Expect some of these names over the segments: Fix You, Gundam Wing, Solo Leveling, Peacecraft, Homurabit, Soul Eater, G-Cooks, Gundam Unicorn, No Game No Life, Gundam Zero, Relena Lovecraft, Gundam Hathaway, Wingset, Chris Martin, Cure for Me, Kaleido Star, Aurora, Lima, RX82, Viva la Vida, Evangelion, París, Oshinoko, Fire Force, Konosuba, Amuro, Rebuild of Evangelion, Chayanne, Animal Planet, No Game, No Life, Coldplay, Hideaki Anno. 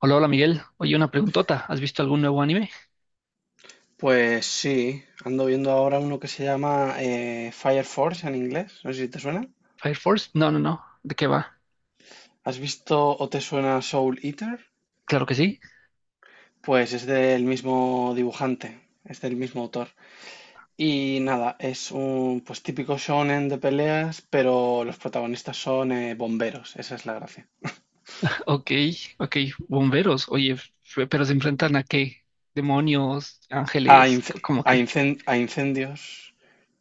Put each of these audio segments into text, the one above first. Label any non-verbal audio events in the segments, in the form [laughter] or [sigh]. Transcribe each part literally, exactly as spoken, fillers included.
Hola, hola Miguel. Oye, una preguntota. ¿Has visto algún nuevo anime? Pues sí, ando viendo ahora uno que se llama eh, Fire Force en inglés, no sé si te suena. ¿Fire Force? No, no, no. ¿De qué va? ¿Has visto o te suena Soul Eater? Claro que sí. Pues es del mismo dibujante, es del mismo autor. Y nada, es un pues típico shonen de peleas, pero los protagonistas son eh, bomberos, esa es la gracia. [laughs] Ok, ok. Bomberos. Oye, f- pero ¿se enfrentan a qué? Demonios, A, ángeles, c- inc- ¿cómo a que? incen- a incendios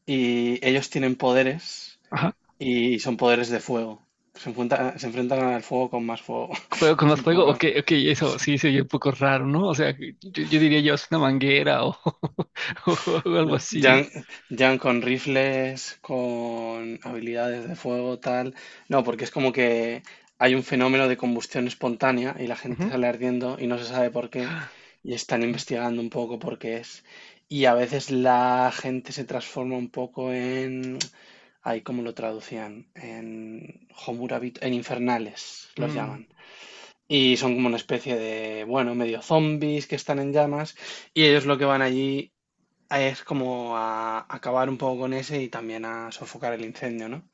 y ellos tienen poderes Ajá. y son poderes de fuego. Se enfrenta- se enfrentan al fuego con más fuego. ¿Fuego [laughs] con Es más un poco fuego? raro. Ok, ok, eso sí se oye un poco raro, ¿no? O sea, yo, yo diría yo es una manguera o, [laughs] o algo No, así, Jan, ¿no? Jan con rifles, con habilidades de fuego, tal. No, porque es como que hay un fenómeno de combustión espontánea y la gente Ujú. sale ardiendo y no se sabe por qué y están Ok. investigando un poco por qué es. Y a veces la gente se transforma un poco en... Ay, ¿cómo lo traducían? En Homurabit, en infernales los Mm, llaman. Y son como una especie de, bueno, medio zombies que están en llamas. Y ellos lo que van allí es como a acabar un poco con ese y también a sofocar el incendio, ¿no?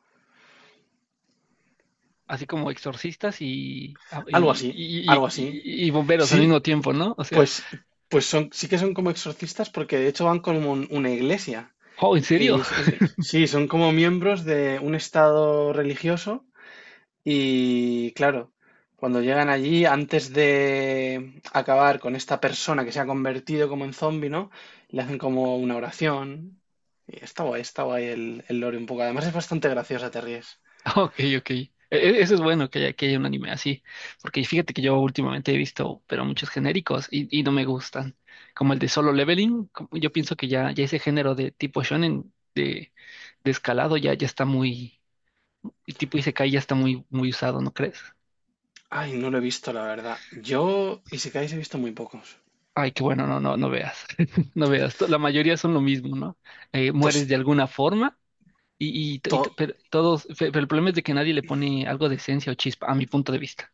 Así como exorcistas y, ah, Algo y, así, y, algo y- así. y- y bomberos al Sí, mismo tiempo, ¿no? O sea, pues, pues son, sí que son como exorcistas porque de hecho van como un- una iglesia. oh, ¿en serio? Y s- s- sí, son como miembros de un estado religioso y claro, cuando llegan allí, antes de acabar con esta persona que se ha convertido como en zombie, ¿no? Le hacen como una oración. Y está guay, está guay el, el lore un poco. Además es bastante graciosa, te ríes. [laughs] Ok, ok. E- e- Eso es bueno que haya, que haya un anime así, porque fíjate que yo últimamente he visto, pero muchos genéricos y, y no me gustan, como el de Solo Leveling, como- yo pienso que ya, ya ese género de tipo shonen de, de escalado ya, ya está muy, el tipo Isekai ya está muy, muy usado, ¿no crees? Ay, no lo he visto, la verdad. Yo, Isekais he visto muy pocos. Ay, qué bueno, no, no, no veas, [laughs] no veas, to- la mayoría son lo mismo, ¿no? Eh, mueres Pues de alguna forma. y, y, to- y to- to- pero todos, fe- Pero el problema es de que nadie le pone algo de esencia o chispa, a mi punto de vista.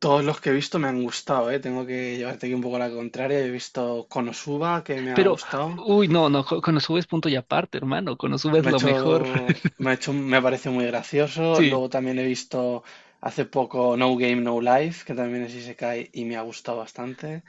todos los que he visto me han gustado, ¿eh? Tengo que llevarte aquí un poco la contraria. He visto Konosuba, que me ha Pero, gustado. uy, no, no, co- con Konosuba es punto y aparte, hermano. Konosuba es Me ha lo mejor. hecho, [laughs] me ha hecho, me parece muy gracioso. Sí, Luego también he visto hace poco No Game, No Life, que también es Isekai y me ha gustado bastante.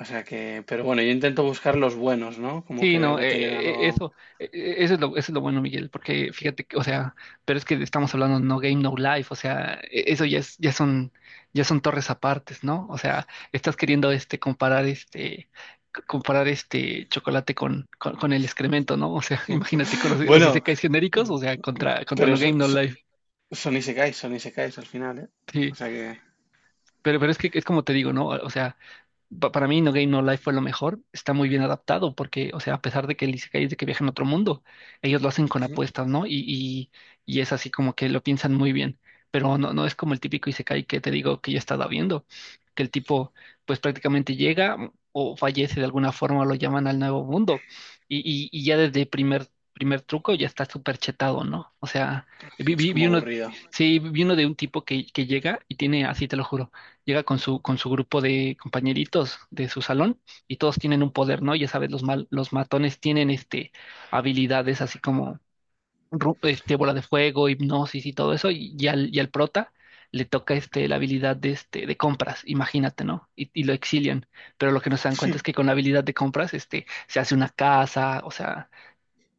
O sea que, pero bueno, yo intento buscar los buenos, ¿no? Como sí, que veo no, que eh, tienen eh, eh, algo. eso, eh, eh, eso es lo, eso es lo bueno, Miguel, porque fíjate que, o sea, pero es que estamos hablando No Game, No Life, o sea, eh, eso ya es, ya son, ya son torres apartes, ¿no? O sea, estás queriendo este comparar este c- comparar este chocolate con, con, con el excremento, ¿no? O sea, [laughs] imagínate con los, [laughs] los Bueno, isekais genéricos, o sea, contra, contra pero No Game, so- No so- Life. son Isekais, son Isekais al final, ¿eh? Sí. O sea que. Pero, pero es que es como te digo, ¿no? O sea, pa- para mí No Game No Life fue lo mejor. Está muy bien adaptado porque, o sea, a pesar de que el Isekai es de que viaja en otro mundo, ellos lo hacen con Ujú. apuestas, ¿no? Y, y, y es así como que lo piensan muy bien. Pero no, no es como el típico Isekai que te digo que yo he estado viendo, que el tipo pues prácticamente llega mm, o fallece de alguna forma, lo llaman al nuevo mundo. Y, y, y ya desde el primer, primer truco ya está súper chetado, ¿no? O sea, vi, Sí, es vi, vi como uno, aburrido, sí, vi uno de un tipo que, que llega y tiene, así te lo juro llega con su, con su grupo de compañeritos de su salón y todos tienen un poder, ¿no? Ya sabes, los mal, los matones tienen este habilidades así como ru- este bola de fuego, hipnosis y todo eso, y, y al, y al prota le toca este la habilidad de este de compras, imagínate, ¿no? Y, y lo exilian. Pero lo que no se dan cuenta es que [laughs] con la habilidad de compras, este, se hace una casa, o sea,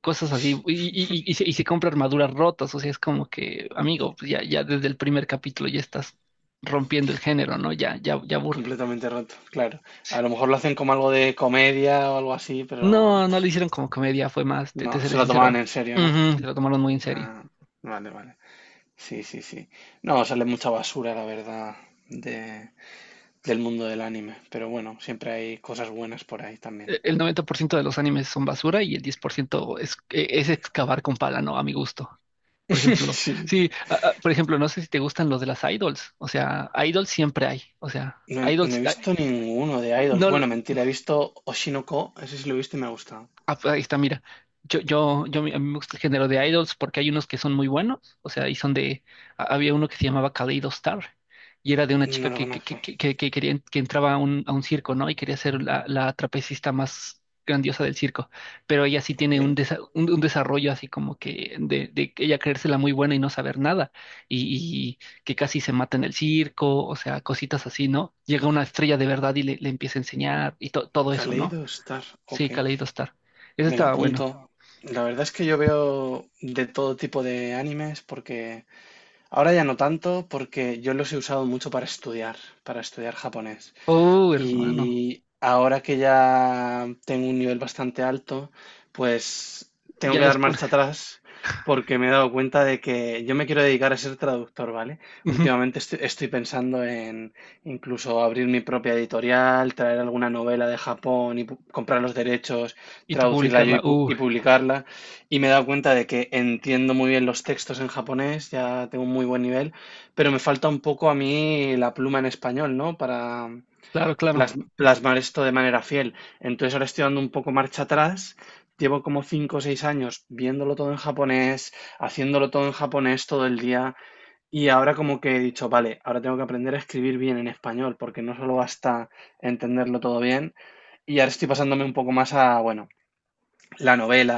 cosas así, y, y, y- y se, y se compra armaduras rotas, o sea, es como que, amigo, pues ya, ya desde el primer capítulo ya estás rompiendo el género, ¿no? Ya, ya, ya aburre. completamente roto, claro. A lo mejor lo hacen como algo de comedia o algo así, pero No, pff, no lo hicieron como comedia, fue más, te, no, te seré se lo tomaban sincero, en serio, ¿no? ujú, se lo tomaron muy en serio. Ah, vale, vale. Sí, sí, sí. No, sale mucha basura, la verdad, de, del mundo del anime, pero bueno, siempre hay cosas buenas por ahí E- también. El noventa por ciento de los animes son basura y el diez por ciento es, e- es excavar con pala, ¿no? A mi gusto. Por ejemplo, [laughs] Sí. sí, a- a- por ejemplo, no sé si te gustan los de las idols, o sea, idols siempre hay, o sea, No he, no idols, he a- visto ninguno de Idols. no, Bueno, mentira, he visto Oshinoko, ese sí lo he visto y me ha gustado. ah, pues ahí está, mira. Yo, yo, yo, me- a mí me gusta el género de idols porque hay unos que son muy buenos, o sea, y son de, ha- había uno que se llamaba Kaleido Star y era de una No chica lo que, que, que, conozco. que, que que quería, que entraba a un, a un circo, ¿no? Y quería ser la, la trapecista más grandiosa del circo, pero ella sí tiene un, ¿Qué? desa- un, un desarrollo así como que de, de ella creérsela muy buena y no saber nada y, y que casi se mata en el circo, o sea, cositas así, ¿no? Llega una estrella de verdad y le, le empieza a enseñar y to- todo eso, ¿no? Kaleido Star, Sí, ok. Kaleidostar. Ese Me la estaba apunto. bueno. La verdad es que yo veo de todo tipo de animes porque ahora ya no tanto porque yo los he usado mucho para estudiar, para estudiar japonés. Uh, hermano. Y ahora que ya tengo un nivel bastante alto, pues tengo Ya que les dar pones. marcha atrás porque me he dado cuenta de que yo me quiero dedicar a ser traductor, ¿vale? [laughs] Ujú. Últimamente estoy, estoy pensando en incluso abrir mi propia editorial, traer alguna novela de Japón y pu- comprar los derechos, Y tú traducirla yo y, publicarla. pu- Uh, y publicarla. Y me he dado cuenta de que entiendo muy bien los textos en japonés, ya tengo un muy buen nivel, pero me falta un poco a mí la pluma en español, ¿no? Para Claro, claro. plas- plasmar esto de manera fiel. Entonces ahora estoy dando un poco marcha atrás. Llevo como cinco o seis años viéndolo todo en japonés, haciéndolo todo en japonés todo el día y ahora como que he dicho, vale, ahora tengo que aprender a escribir bien en español porque no solo basta entenderlo todo bien y ahora estoy pasándome un poco más a, bueno, la novela,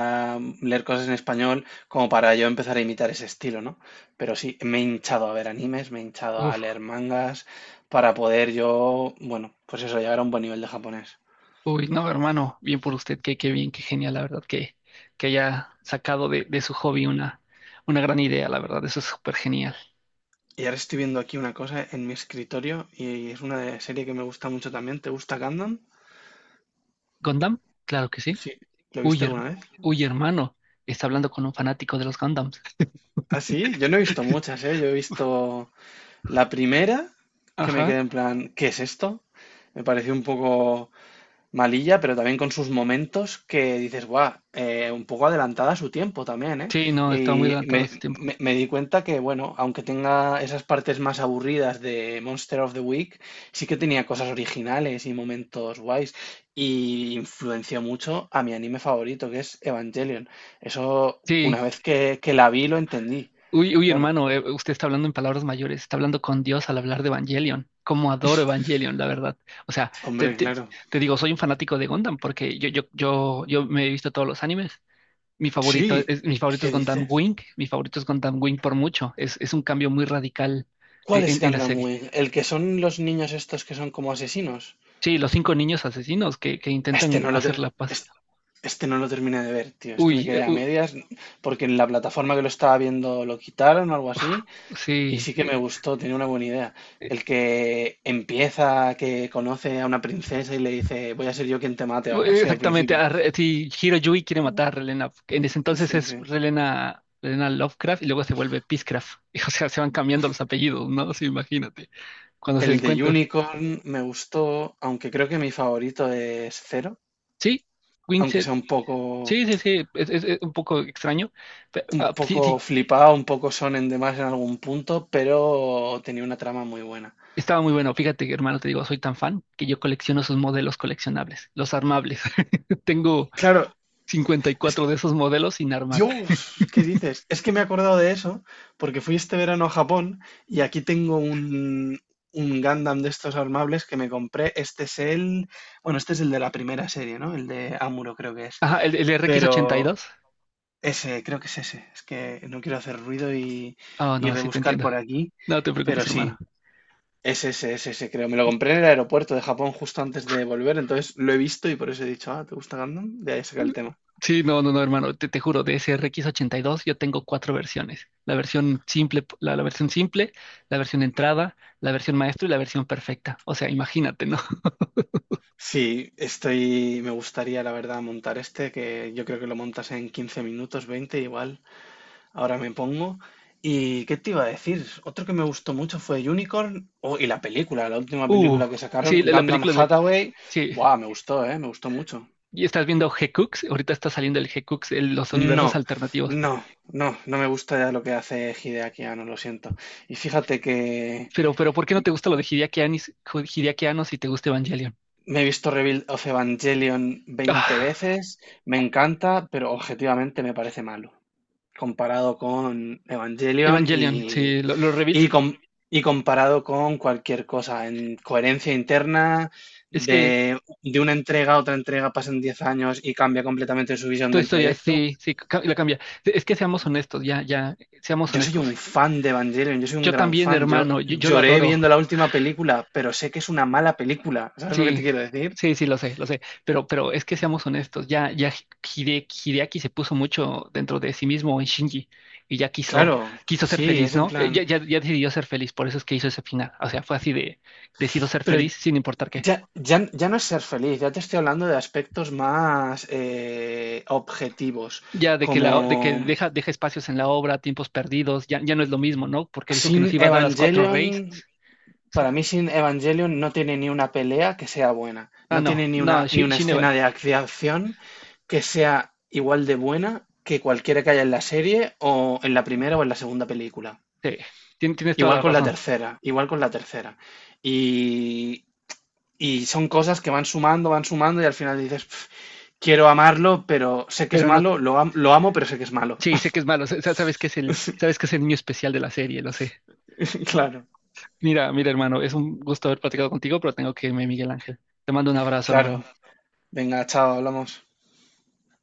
leer cosas en español, como para yo empezar a imitar ese estilo, ¿no? Pero sí, me he hinchado a ver animes, me he hinchado a Uf, leer mangas, para poder yo, bueno, pues eso, llegar a un buen nivel de japonés. uy, no, hermano. Bien por usted. Qué, qué bien, qué genial, la verdad, que, que haya sacado de, de su hobby una, una gran idea, la verdad. Eso es súper genial. Y ahora estoy viendo aquí una cosa en mi escritorio y es una de- serie que me gusta mucho también. ¿Te gusta Gundam? ¿Gundam? Claro que sí. Sí. ¿Lo Uy, viste her- alguna vez? uy, hermano. Está hablando con un fanático de los Gundams. Ah, sí, yo no he visto [laughs] muchas, ¿eh? Yo he visto la primera que me Ajá. quedé en plan, ¿qué es esto? Me pareció un poco malilla, pero también con sus momentos que dices, guau, eh, un poco adelantada a su tiempo también, ¿eh? Sí, no, estaba muy Y adelantado a su me, tiempo. me- me di cuenta que, bueno, aunque tenga esas partes más aburridas de Monster of the Week, sí que tenía cosas originales y momentos guays. Y influenció mucho a mi anime favorito, que es Evangelion. Eso, Sí. una vez que, que la vi, lo entendí. Uy, uy, Claro. hermano, eh, usted está hablando en palabras mayores, está hablando con Dios al hablar de Evangelion. Cómo adoro Evangelion, la verdad. O sea, te, Hombre, te- claro. te digo, soy un fanático de Gundam porque yo, yo, yo, yo me he visto todos los animes. Mi favorito Sí, es, Mi favorito es ¿qué Gundam dices? Wing, mi favorito es Gundam Wing por mucho. Es, es un cambio muy radical en, ¿Cuál en- es en la Gundam serie. Wing? ¿El que son los niños estos que son como asesinos? Sí, los cinco niños asesinos que, que Este intentan no lo, hacer te- la paz. es- este no lo terminé de ver, tío. Este me Uy, eh, quedé a u- medias porque en la plataforma que lo estaba viendo lo quitaron o algo así. Y sí. sí que me gustó, tenía una buena idea. eh, El que empieza, que conoce a una princesa y le dice, voy a ser yo quien te mate o algo así al Exactamente, principio. a Re- si Hiroyui quiere matar a Relena, en ese entonces Sí, es sí. Relena, Relena Lovecraft y luego se vuelve Peacecraft. [laughs] O sea, se van cambiando los apellidos, ¿no? Sí, imagínate, cuando se El den de cuenta. Unicorn me gustó, aunque creo que mi favorito es Zero, Sí, aunque Wingset, sea un poco, sí, sí, sí, es, es- es un poco extraño. Pero, un ah, sí, poco sí, flipado, un poco sonen de más en algún punto, pero tenía una trama muy buena. estaba muy bueno. Fíjate, hermano, te digo, soy tan fan que yo colecciono sus modelos coleccionables, los armables. [laughs] Tengo Claro, cincuenta y cuatro de esos modelos sin armar. Dios, ¿qué dices? Es que me he acordado de eso porque fui este verano a Japón y aquí tengo un, un Gundam de estos armables que me compré. Este es el, bueno, este es el de la primera serie, ¿no? El de Amuro creo que es. Ajá, el, el Pero R X ochenta y dos. ese, creo que es ese. Es que no quiero hacer ruido y, Oh, y no, sí te rebuscar entiendo. por aquí. No te Pero preocupes, hermano. sí, es ese, es ese, creo. Me lo compré en el aeropuerto de Japón justo antes de volver, entonces lo he visto y por eso he dicho, ah, ¿te gusta Gundam? De ahí saca el tema. Sí, no, no, no, hermano, te, te juro, de ese R X ochenta y dos, yo tengo cuatro versiones. La versión simple, la, la versión simple, la versión entrada, la versión maestro y la versión perfecta. O sea, imagínate, ¿no? [laughs] Sí, estoy, me gustaría la verdad montar este, que yo creo que lo montas en quince minutos, veinte igual, ahora me pongo. ¿Y qué te iba a decir? Otro que me gustó mucho fue Unicorn, oh, y la película, la última Uh, película que sí, sacaron, la, la Gundam película de... Hathaway, Sí, buah, me gustó, eh, me gustó mucho. y estás viendo G-Cooks, ahorita está saliendo el G-Cooks, el- los universos No, alternativos. no, no, no me gusta ya lo que hace Hideaki Anno, lo siento. Y fíjate que Pero, pero, ¿por qué no te gusta lo de Hideaki Annis- Hideaki Anno si te gusta Evangelion? me he visto Rebuild of Evangelion veinte Ah, veces, me encanta, pero objetivamente me parece malo. Comparado con Evangelion Evangelion, y, sí, lo- los reveals, y, com- y comparado con cualquier cosa en coherencia interna, es que... de, de una entrega a otra entrega pasan diez años y cambia completamente su visión Toda del historia, proyecto. sí, sí, ca- la cambia. Es que seamos honestos, ya, ya, seamos Yo soy honestos. un fan de Evangelion, yo soy un Yo gran también, fan. Yo hermano, yo, yo lo lloré adoro. viendo la última película, pero sé que es una mala película. ¿Sabes lo que te Sí, quiero decir? sí, sí, lo sé, lo sé. Pero, pero es que seamos honestos, ya, ya. Hide- Hideaki se puso mucho dentro de sí mismo en Shinji y ya quiso, Claro, quiso ser sí, feliz, es en ¿no? Eh, Ya, plan. ya, ya decidió ser feliz, por eso es que hizo ese final. O sea, fue así de, decido ser Pero feliz sin importar qué. ya, ya, ya no es ser feliz, ya te estoy hablando de aspectos más eh, objetivos, Ya de que la, de que como deja, deja espacios en la obra, tiempos perdidos, ya, ya no es lo mismo, ¿no? Porque dijo que sin nos iba a dar las cuatro Evangelion, reyes. O para sea, mí sin Evangelion no tiene ni una pelea que sea buena, ah, no no, tiene ni una, no, ni Shi- una Shin, escena Eva- de ac- de acción que sea igual de buena que cualquiera que haya en la serie o en la primera o en la segunda película. sí, tien- tienes toda Igual la con la razón. tercera, igual con la tercera. Y, y son cosas que van sumando, van sumando y al final dices... quiero amarlo, pero sé que es Pero no. malo, lo, am- lo amo, pero sé que es malo. Sí, sé que es malo, sa- sa- sabes que es el, sabes que es el niño especial de la serie, lo sé. [laughs] Claro, Mira, mira, hermano, es un gusto haber platicado contigo, pero tengo que irme, Miguel Ángel. Te mando un abrazo, hermano. claro. Venga, chao, hablamos.